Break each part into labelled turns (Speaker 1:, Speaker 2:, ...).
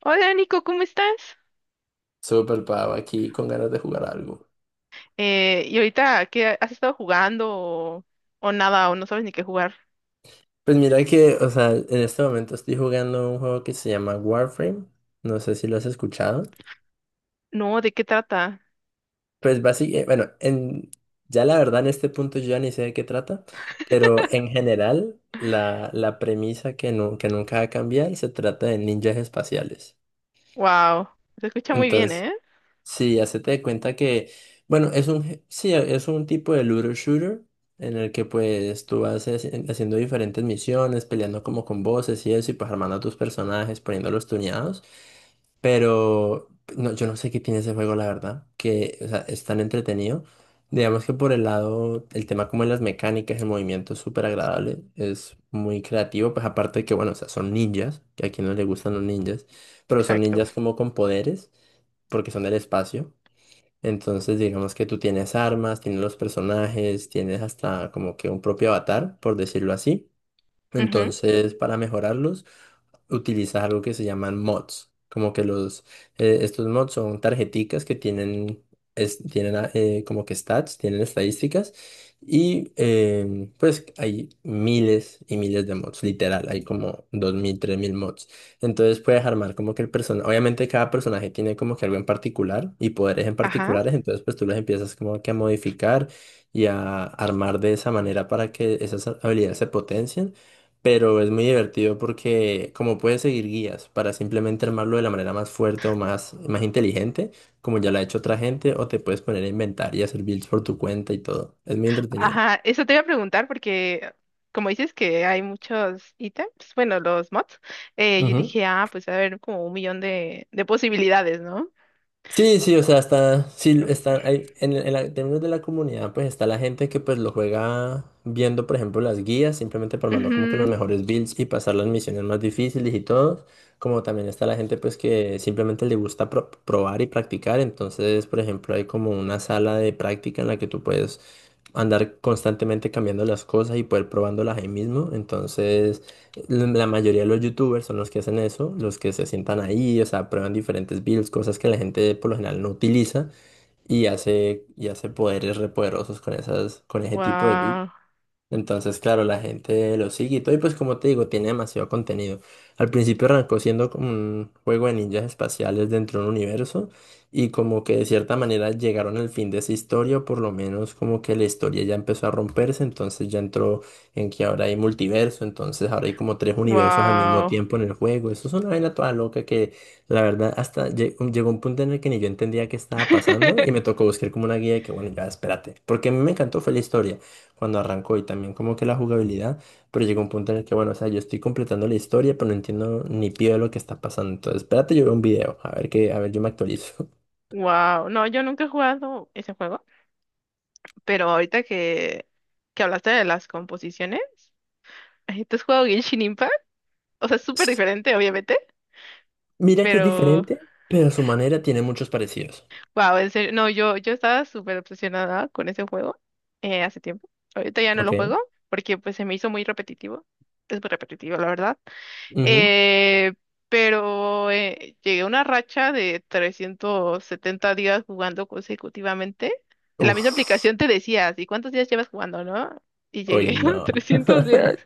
Speaker 1: Hola Nico, ¿cómo estás?
Speaker 2: Súper pavo, aquí con ganas de jugar algo.
Speaker 1: ¿Y ahorita qué has estado jugando o nada o no sabes ni qué jugar?
Speaker 2: Pues mira que, o sea, en este momento estoy jugando un juego que se llama Warframe. No sé si lo has escuchado.
Speaker 1: No, ¿de qué trata?
Speaker 2: Pues básicamente, bueno, ya la verdad en este punto yo ya ni sé de qué trata, pero en general la premisa que nunca va a cambiar, se trata de ninjas espaciales.
Speaker 1: Wow, se escucha muy bien, ¿eh?
Speaker 2: Sí, hacete de cuenta que, bueno, sí, es un tipo de looter shooter en el que pues tú vas haciendo diferentes misiones, peleando como con voces y eso, y pues armando a tus personajes, poniéndolos tuneados. Pero no, yo no sé qué tiene ese juego, la verdad, que o sea, es tan entretenido. Digamos que por el lado, el tema como de las mecánicas, el movimiento es súper agradable, es muy creativo, pues aparte de que, bueno, o sea, son ninjas, que a quien no le gustan los ninjas, pero son
Speaker 1: Exacto.
Speaker 2: ninjas como con poderes porque son del espacio. Entonces, digamos que tú tienes armas, tienes los personajes, tienes hasta como que un propio avatar, por decirlo así.
Speaker 1: Ujú.
Speaker 2: Entonces, para mejorarlos, utilizas algo que se llaman mods. Como que los, estos mods son tarjeticas que tienen, tienen como que stats, tienen estadísticas. Y pues hay miles y miles de mods, literal, hay como 2000 3000 mods. Entonces puedes armar como que el personaje, obviamente cada personaje tiene como que algo en particular y poderes en
Speaker 1: Ajá,
Speaker 2: particulares, entonces pues tú los empiezas como que a modificar y a armar de esa manera para que esas habilidades se potencien. Pero es muy divertido porque como puedes seguir guías para simplemente armarlo de la manera más fuerte o más inteligente, como ya lo ha hecho otra gente, o te puedes poner a inventar y hacer builds por tu cuenta y todo. Es muy entretenido.
Speaker 1: ajá, eso te iba a preguntar porque como dices que hay muchos ítems, bueno, los mods, yo
Speaker 2: Ujú.
Speaker 1: dije, ah, pues va a ver, como un millón de posibilidades, ¿no?
Speaker 2: Sí, sí, o sea, está, sí, está, en, en términos de la comunidad, pues está la gente que pues lo juega viendo, por ejemplo, las guías, simplemente por mandar como que los
Speaker 1: Ujú.
Speaker 2: mejores builds y pasar las misiones más difíciles y todo, como también está la gente pues que simplemente le gusta probar y practicar. Entonces, por ejemplo, hay como una sala de práctica en la que tú puedes andar constantemente cambiando las cosas y poder probándolas ahí mismo. Entonces, la mayoría de los youtubers son los que hacen eso, los que se sientan ahí, o sea, prueban diferentes builds, cosas que la gente por lo general no utiliza y hace poderes repoderosos con esas, con ese tipo de builds.
Speaker 1: Wow,
Speaker 2: Entonces, claro, la gente lo sigue y todo. Y pues como te digo, tiene demasiado contenido. Al principio arrancó siendo como un juego de ninjas espaciales dentro de un universo. Y como que de cierta manera llegaron al fin de esa historia, o por lo menos como que la historia ya empezó a romperse. Entonces ya entró en que ahora hay multiverso. Entonces ahora hay como tres universos al mismo
Speaker 1: wow.
Speaker 2: tiempo en el juego. Eso es una vaina toda loca que la verdad hasta llegó un punto en el que ni yo entendía qué estaba pasando. Y me tocó buscar como una guía de que bueno, ya espérate. Porque a mí me encantó fue la historia cuando arrancó y también como que la jugabilidad, pero llegó un punto en el que, bueno, o sea, yo estoy completando la historia, pero no entiendo ni pío de lo que está pasando. Entonces, espérate, yo veo un video, a ver qué, a ver, yo me actualizo.
Speaker 1: Wow, no, yo nunca he jugado ese juego. Pero ahorita que hablaste de las composiciones, ¿tú has jugado Genshin Impact? O sea, es súper
Speaker 2: S-
Speaker 1: diferente, obviamente,
Speaker 2: Mira que es
Speaker 1: pero
Speaker 2: diferente, pero su manera tiene muchos parecidos.
Speaker 1: wow, en serio, no, yo estaba súper obsesionada con ese juego hace tiempo. Ahorita ya no lo juego
Speaker 2: Ok.
Speaker 1: porque pues se me hizo muy repetitivo. Es muy repetitivo, la verdad.
Speaker 2: Ujú.
Speaker 1: Eh, pero llegué a una racha de 370 días jugando consecutivamente. En la misma
Speaker 2: Uf.
Speaker 1: aplicación te decías, ¿y cuántos días llevas jugando, no? Y
Speaker 2: Uy,
Speaker 1: llegué a
Speaker 2: no.
Speaker 1: 300 días.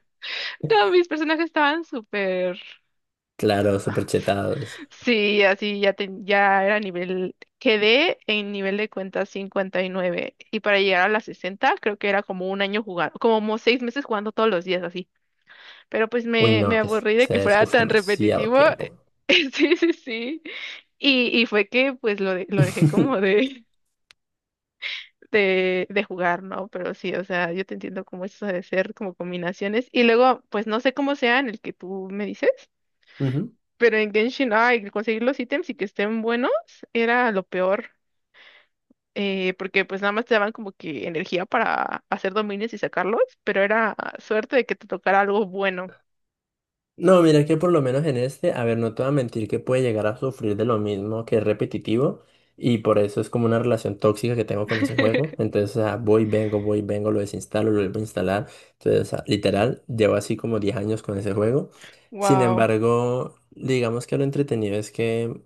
Speaker 1: No, mis personajes estaban súper.
Speaker 2: Claro, súper chetados.
Speaker 1: Sí, así ya, ya era nivel. Quedé en nivel de cuenta 59. Y nueve. Y para llegar a las 60, creo que era como un año jugando, como 6 meses jugando todos los días así. Pero pues
Speaker 2: Uy,
Speaker 1: me
Speaker 2: no, que
Speaker 1: aburrí de que
Speaker 2: se es,
Speaker 1: fuera
Speaker 2: uf,
Speaker 1: tan
Speaker 2: demasiado
Speaker 1: repetitivo.
Speaker 2: tiempo.
Speaker 1: Sí, sí, sí. Y fue que pues lo dejé como de jugar, ¿no? Pero sí, o sea, yo te entiendo como eso de ser como combinaciones. Y luego, pues no sé cómo sea en el que tú me dices.
Speaker 2: Ujú.
Speaker 1: Pero en Genshin, ay, conseguir los ítems y que estén buenos era lo peor, porque pues nada más te daban como que energía para hacer dominios y sacarlos, pero era suerte de que te tocara algo bueno.
Speaker 2: No, mira que por lo menos en este, a ver, no te voy a mentir que puede llegar a sufrir de lo mismo, que es repetitivo, y por eso es como una relación tóxica que tengo con ese juego. Entonces, o sea, voy, vengo, lo desinstalo, lo vuelvo a instalar. Entonces, o sea, literal, llevo así como 10 años con ese juego. Sin
Speaker 1: Wow.
Speaker 2: embargo, digamos que lo entretenido es que,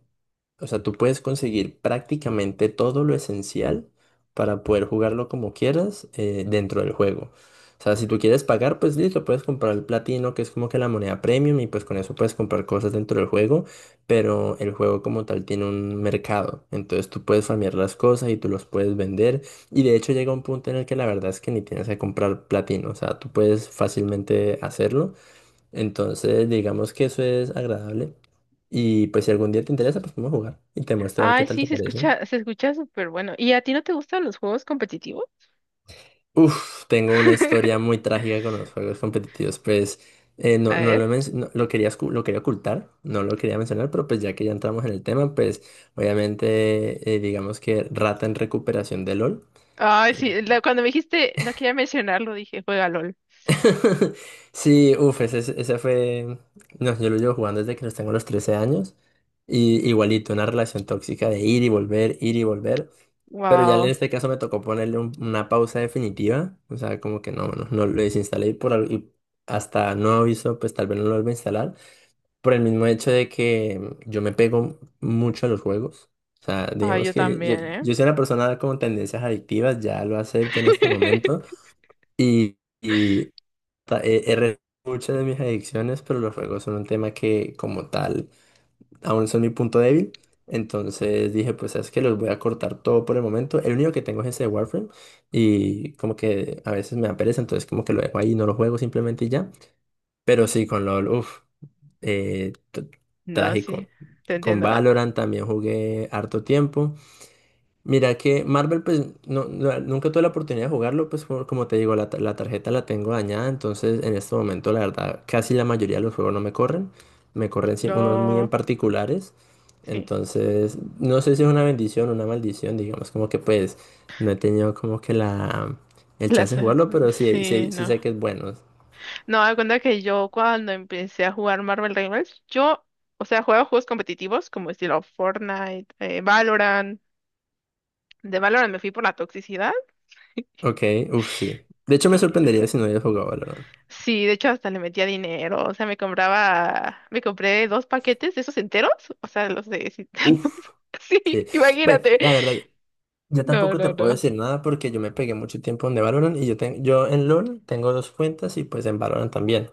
Speaker 2: o sea, tú puedes conseguir prácticamente todo lo esencial para poder jugarlo como quieras, dentro del juego. O sea, si tú quieres pagar, pues listo, puedes comprar el platino, que es como que la moneda premium, y pues con eso puedes comprar cosas dentro del juego, pero el juego como tal tiene un mercado. Entonces tú puedes farmear las cosas y tú los puedes vender. Y de hecho llega un punto en el que la verdad es que ni tienes que comprar platino. O sea, tú puedes fácilmente hacerlo. Entonces, digamos que eso es agradable. Y pues si algún día te interesa, pues vamos a jugar y te muestro a ver qué
Speaker 1: Ay,
Speaker 2: tal
Speaker 1: sí,
Speaker 2: te parece.
Speaker 1: se escucha súper bueno. ¿Y a ti no te gustan los juegos competitivos?
Speaker 2: Uf, tengo una historia muy trágica con los juegos competitivos. Pues no,
Speaker 1: A
Speaker 2: no
Speaker 1: ver.
Speaker 2: lo, he men- no- lo quería, lo quería ocultar, no lo quería mencionar, pero pues ya que ya entramos en el tema, pues obviamente digamos que rata en recuperación de LOL.
Speaker 1: Ay, sí,
Speaker 2: eh,
Speaker 1: cuando me dijiste, no quería mencionarlo, dije, juega LOL.
Speaker 2: Sí, uff, ese fue. No, yo lo llevo jugando desde que los tengo los 13 años. Y igualito, una relación tóxica de ir y volver, ir y volver. Pero ya en
Speaker 1: Wow.
Speaker 2: este caso me tocó ponerle una pausa definitiva. O sea, como que no, no, no lo desinstalé y por y hasta no aviso, pues tal vez no lo vuelva a instalar. Por el mismo hecho de que yo me pego mucho a los juegos. O sea,
Speaker 1: Ay,
Speaker 2: digamos
Speaker 1: yo
Speaker 2: que yo,
Speaker 1: también, ¿eh?
Speaker 2: yo soy una persona con tendencias adictivas, ya lo acepto en este momento. ta- He, he re- Muchas de mis adicciones, pero los juegos son un tema que como tal aún son mi punto débil. Entonces dije, pues sabes que los voy a cortar todo por el momento. El único que tengo es ese de Warframe y como que a veces me da pereza, entonces como que lo dejo ahí, no lo juego simplemente y ya. Pero sí, con LOL, uff, eh, t-
Speaker 1: No, sí,
Speaker 2: trágico.
Speaker 1: te
Speaker 2: Con
Speaker 1: entiendo. Ah.
Speaker 2: Valorant también jugué harto tiempo. Mira que Marvel, pues no, nunca tuve la oportunidad de jugarlo, pues como te digo, la tarjeta la tengo dañada, entonces en este momento la verdad casi la mayoría de los juegos no me corren, me corren sí unos muy en
Speaker 1: No,
Speaker 2: particulares,
Speaker 1: sí.
Speaker 2: entonces no sé si es una bendición o una maldición, digamos como que pues no he tenido como que la, el chance
Speaker 1: Las,
Speaker 2: de
Speaker 1: eh,
Speaker 2: jugarlo, pero sí,
Speaker 1: sí,
Speaker 2: sí, sí
Speaker 1: no.
Speaker 2: sé que es bueno.
Speaker 1: No, da cuenta que yo cuando empecé a jugar Marvel Rivals, yo, o sea, jugaba juegos competitivos como estilo Fortnite, Valorant. De Valorant me fui por la toxicidad.
Speaker 2: Ok, uff, sí. De hecho me
Speaker 1: eh,
Speaker 2: sorprendería si no hubiera jugado Valorant.
Speaker 1: sí, de hecho hasta le metía dinero. O sea, me compré dos paquetes de esos enteros. O sea. Sí,
Speaker 2: Uff,
Speaker 1: sí,
Speaker 2: sí. Bueno,
Speaker 1: imagínate.
Speaker 2: la verdad. Yo
Speaker 1: No,
Speaker 2: tampoco
Speaker 1: no,
Speaker 2: te puedo
Speaker 1: no.
Speaker 2: decir nada porque yo me pegué mucho tiempo en Valorant y yo, yo en LoL tengo dos cuentas y pues en Valorant también.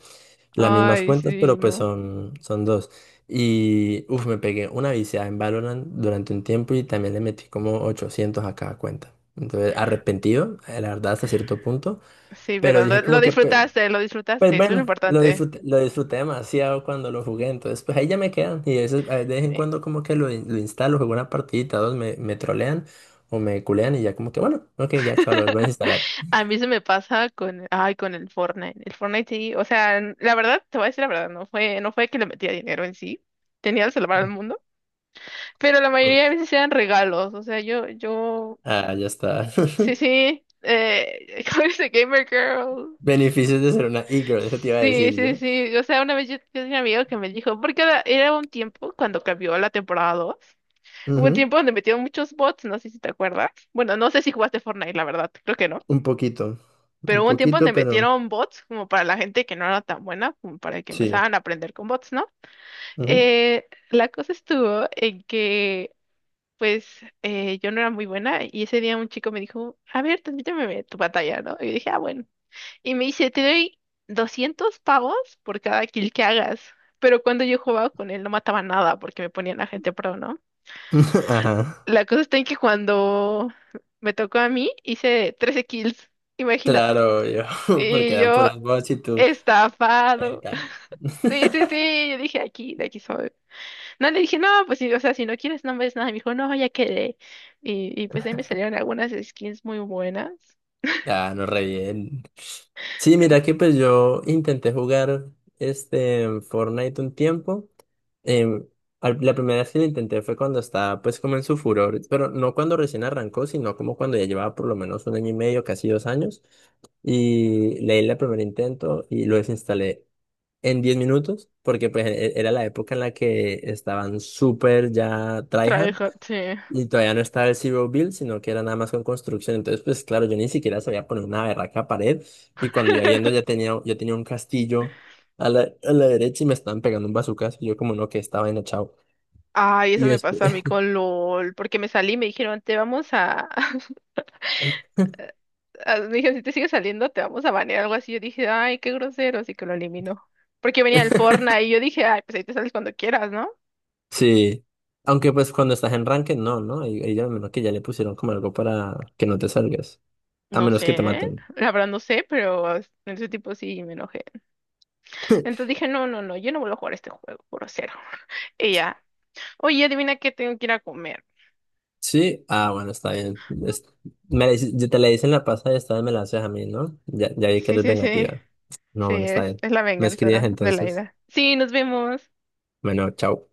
Speaker 2: Las mismas
Speaker 1: Ay,
Speaker 2: cuentas, pero
Speaker 1: sí,
Speaker 2: pues
Speaker 1: no.
Speaker 2: son, son dos. Y uff, me pegué una viciada en Valorant durante un tiempo y también le metí como 800 a cada cuenta. Entonces, arrepentido, la verdad, hasta cierto punto.
Speaker 1: Sí,
Speaker 2: Pero
Speaker 1: pero
Speaker 2: dije
Speaker 1: lo
Speaker 2: como que, pues,
Speaker 1: disfrutaste, lo
Speaker 2: pues
Speaker 1: disfrutaste. Eso es lo
Speaker 2: bueno,
Speaker 1: importante.
Speaker 2: lo disfruté demasiado cuando lo jugué, entonces pues ahí ya me quedan. Y a veces, de vez en
Speaker 1: Eh,
Speaker 2: cuando como que lo instalo, juego una partidita, dos, me trolean o me culean, y ya como que bueno, ok, ya chaval, lo vuelvo a instalar.
Speaker 1: A mí se me pasa con, ay, con el Fortnite. El Fortnite sí, o sea, la verdad, te voy a decir la verdad, no fue que le metía dinero en sí, tenía que salvar al mundo, pero la mayoría de veces eran regalos, o sea,
Speaker 2: Ah, ya está.
Speaker 1: sí, sí, ¿cómo dice Gamer Girl? N-
Speaker 2: Beneficios de ser una e-girl, eso te iba a
Speaker 1: Sí,
Speaker 2: decir
Speaker 1: sí,
Speaker 2: yo.
Speaker 1: sí, o sea, una vez yo tenía un amigo que me dijo, porque era un tiempo cuando cambió la temporada 2 hubo un
Speaker 2: Ujú.
Speaker 1: tiempo donde metieron muchos bots, no sé si te acuerdas, bueno, no sé si jugaste Fortnite, la verdad, creo que no.
Speaker 2: Un poquito,
Speaker 1: Pero
Speaker 2: un
Speaker 1: hubo un tiempo donde
Speaker 2: poquito, pero
Speaker 1: metieron bots como para la gente que no era tan buena, como para que
Speaker 2: sí.
Speaker 1: empezaran a aprender con bots, ¿no?
Speaker 2: Ujú.
Speaker 1: La cosa estuvo en que, pues, yo no era muy buena y ese día un chico me dijo, a ver, transmíteme tu batalla, ¿no? Y yo dije, ah, bueno. Y me dice, te doy 200 pavos por cada kill que hagas. Pero cuando yo jugaba con él no mataba nada porque me ponían a gente pro, ¿no?
Speaker 2: Ajá.
Speaker 1: La cosa está en que cuando me tocó a mí hice 13 kills, imagínate.
Speaker 2: Claro, yo, porque
Speaker 1: Y
Speaker 2: eran
Speaker 1: yo
Speaker 2: puros bots y tú.
Speaker 1: Estafado.
Speaker 2: "Verga".
Speaker 1: Sí, sí, sí, yo dije aquí, de aquí soy. No le dije, no, pues sí, o sea, si no quieres, no ves nada. Y me dijo, no, ya quedé. Y pues ahí me salieron algunas skins muy buenas.
Speaker 2: Ah, no, re bien. Sí,
Speaker 1: Eh,
Speaker 2: mira que pues yo intenté jugar este Fortnite un tiempo. Em, la primera vez que lo intenté fue cuando estaba pues como en su furor, pero no cuando recién arrancó, sino como cuando ya llevaba por lo menos un año y medio, casi 2 años. Y leí el primer intento y lo desinstalé en 10 minutos, porque pues era la época en la que estaban súper ya tryhard.
Speaker 1: Trabajo, sí.
Speaker 2: Y todavía no estaba el Zero Build, sino que era nada más con construcción. Entonces, pues claro, yo ni siquiera sabía poner una berraca pared. Y cuando iba viendo, ya tenía, yo tenía un castillo a la derecha y me estaban pegando un bazucazo. Y yo, como no, que estaba en chao.
Speaker 1: Ay,
Speaker 2: Y
Speaker 1: eso me
Speaker 2: después,
Speaker 1: pasó a mí con LOL, porque me salí y me dijeron, te vamos a... Me dijeron, si te sigues saliendo, te vamos a banear, algo así. Yo dije, ay, qué grosero, así que lo eliminó. Porque venía el Fortnite y yo dije, ay, pues ahí te sales cuando quieras, ¿no?
Speaker 2: sí. Aunque, pues cuando estás en ranked, no, ¿no? Y ya, a menos que ya le pusieron como algo para que no te salgas. A
Speaker 1: No
Speaker 2: menos que te
Speaker 1: sé,
Speaker 2: maten.
Speaker 1: la verdad no sé, pero en ese tipo sí me enojé. Entonces dije, no, no, no, yo no vuelvo a jugar este juego, grosero. Y ya, oye, adivina qué, tengo que ir a comer.
Speaker 2: Sí, ah, bueno, está bien. Yo te la hice en la pasada y esta vez me la haces a mí, ¿no? Ya, ya vi que
Speaker 1: Sí,
Speaker 2: eres
Speaker 1: sí, sí,
Speaker 2: vengativa. No,
Speaker 1: sí,
Speaker 2: bueno, está bien.
Speaker 1: es la
Speaker 2: Me escribes
Speaker 1: venganza de la
Speaker 2: entonces.
Speaker 1: ida. Sí, nos vemos.
Speaker 2: Bueno, chao.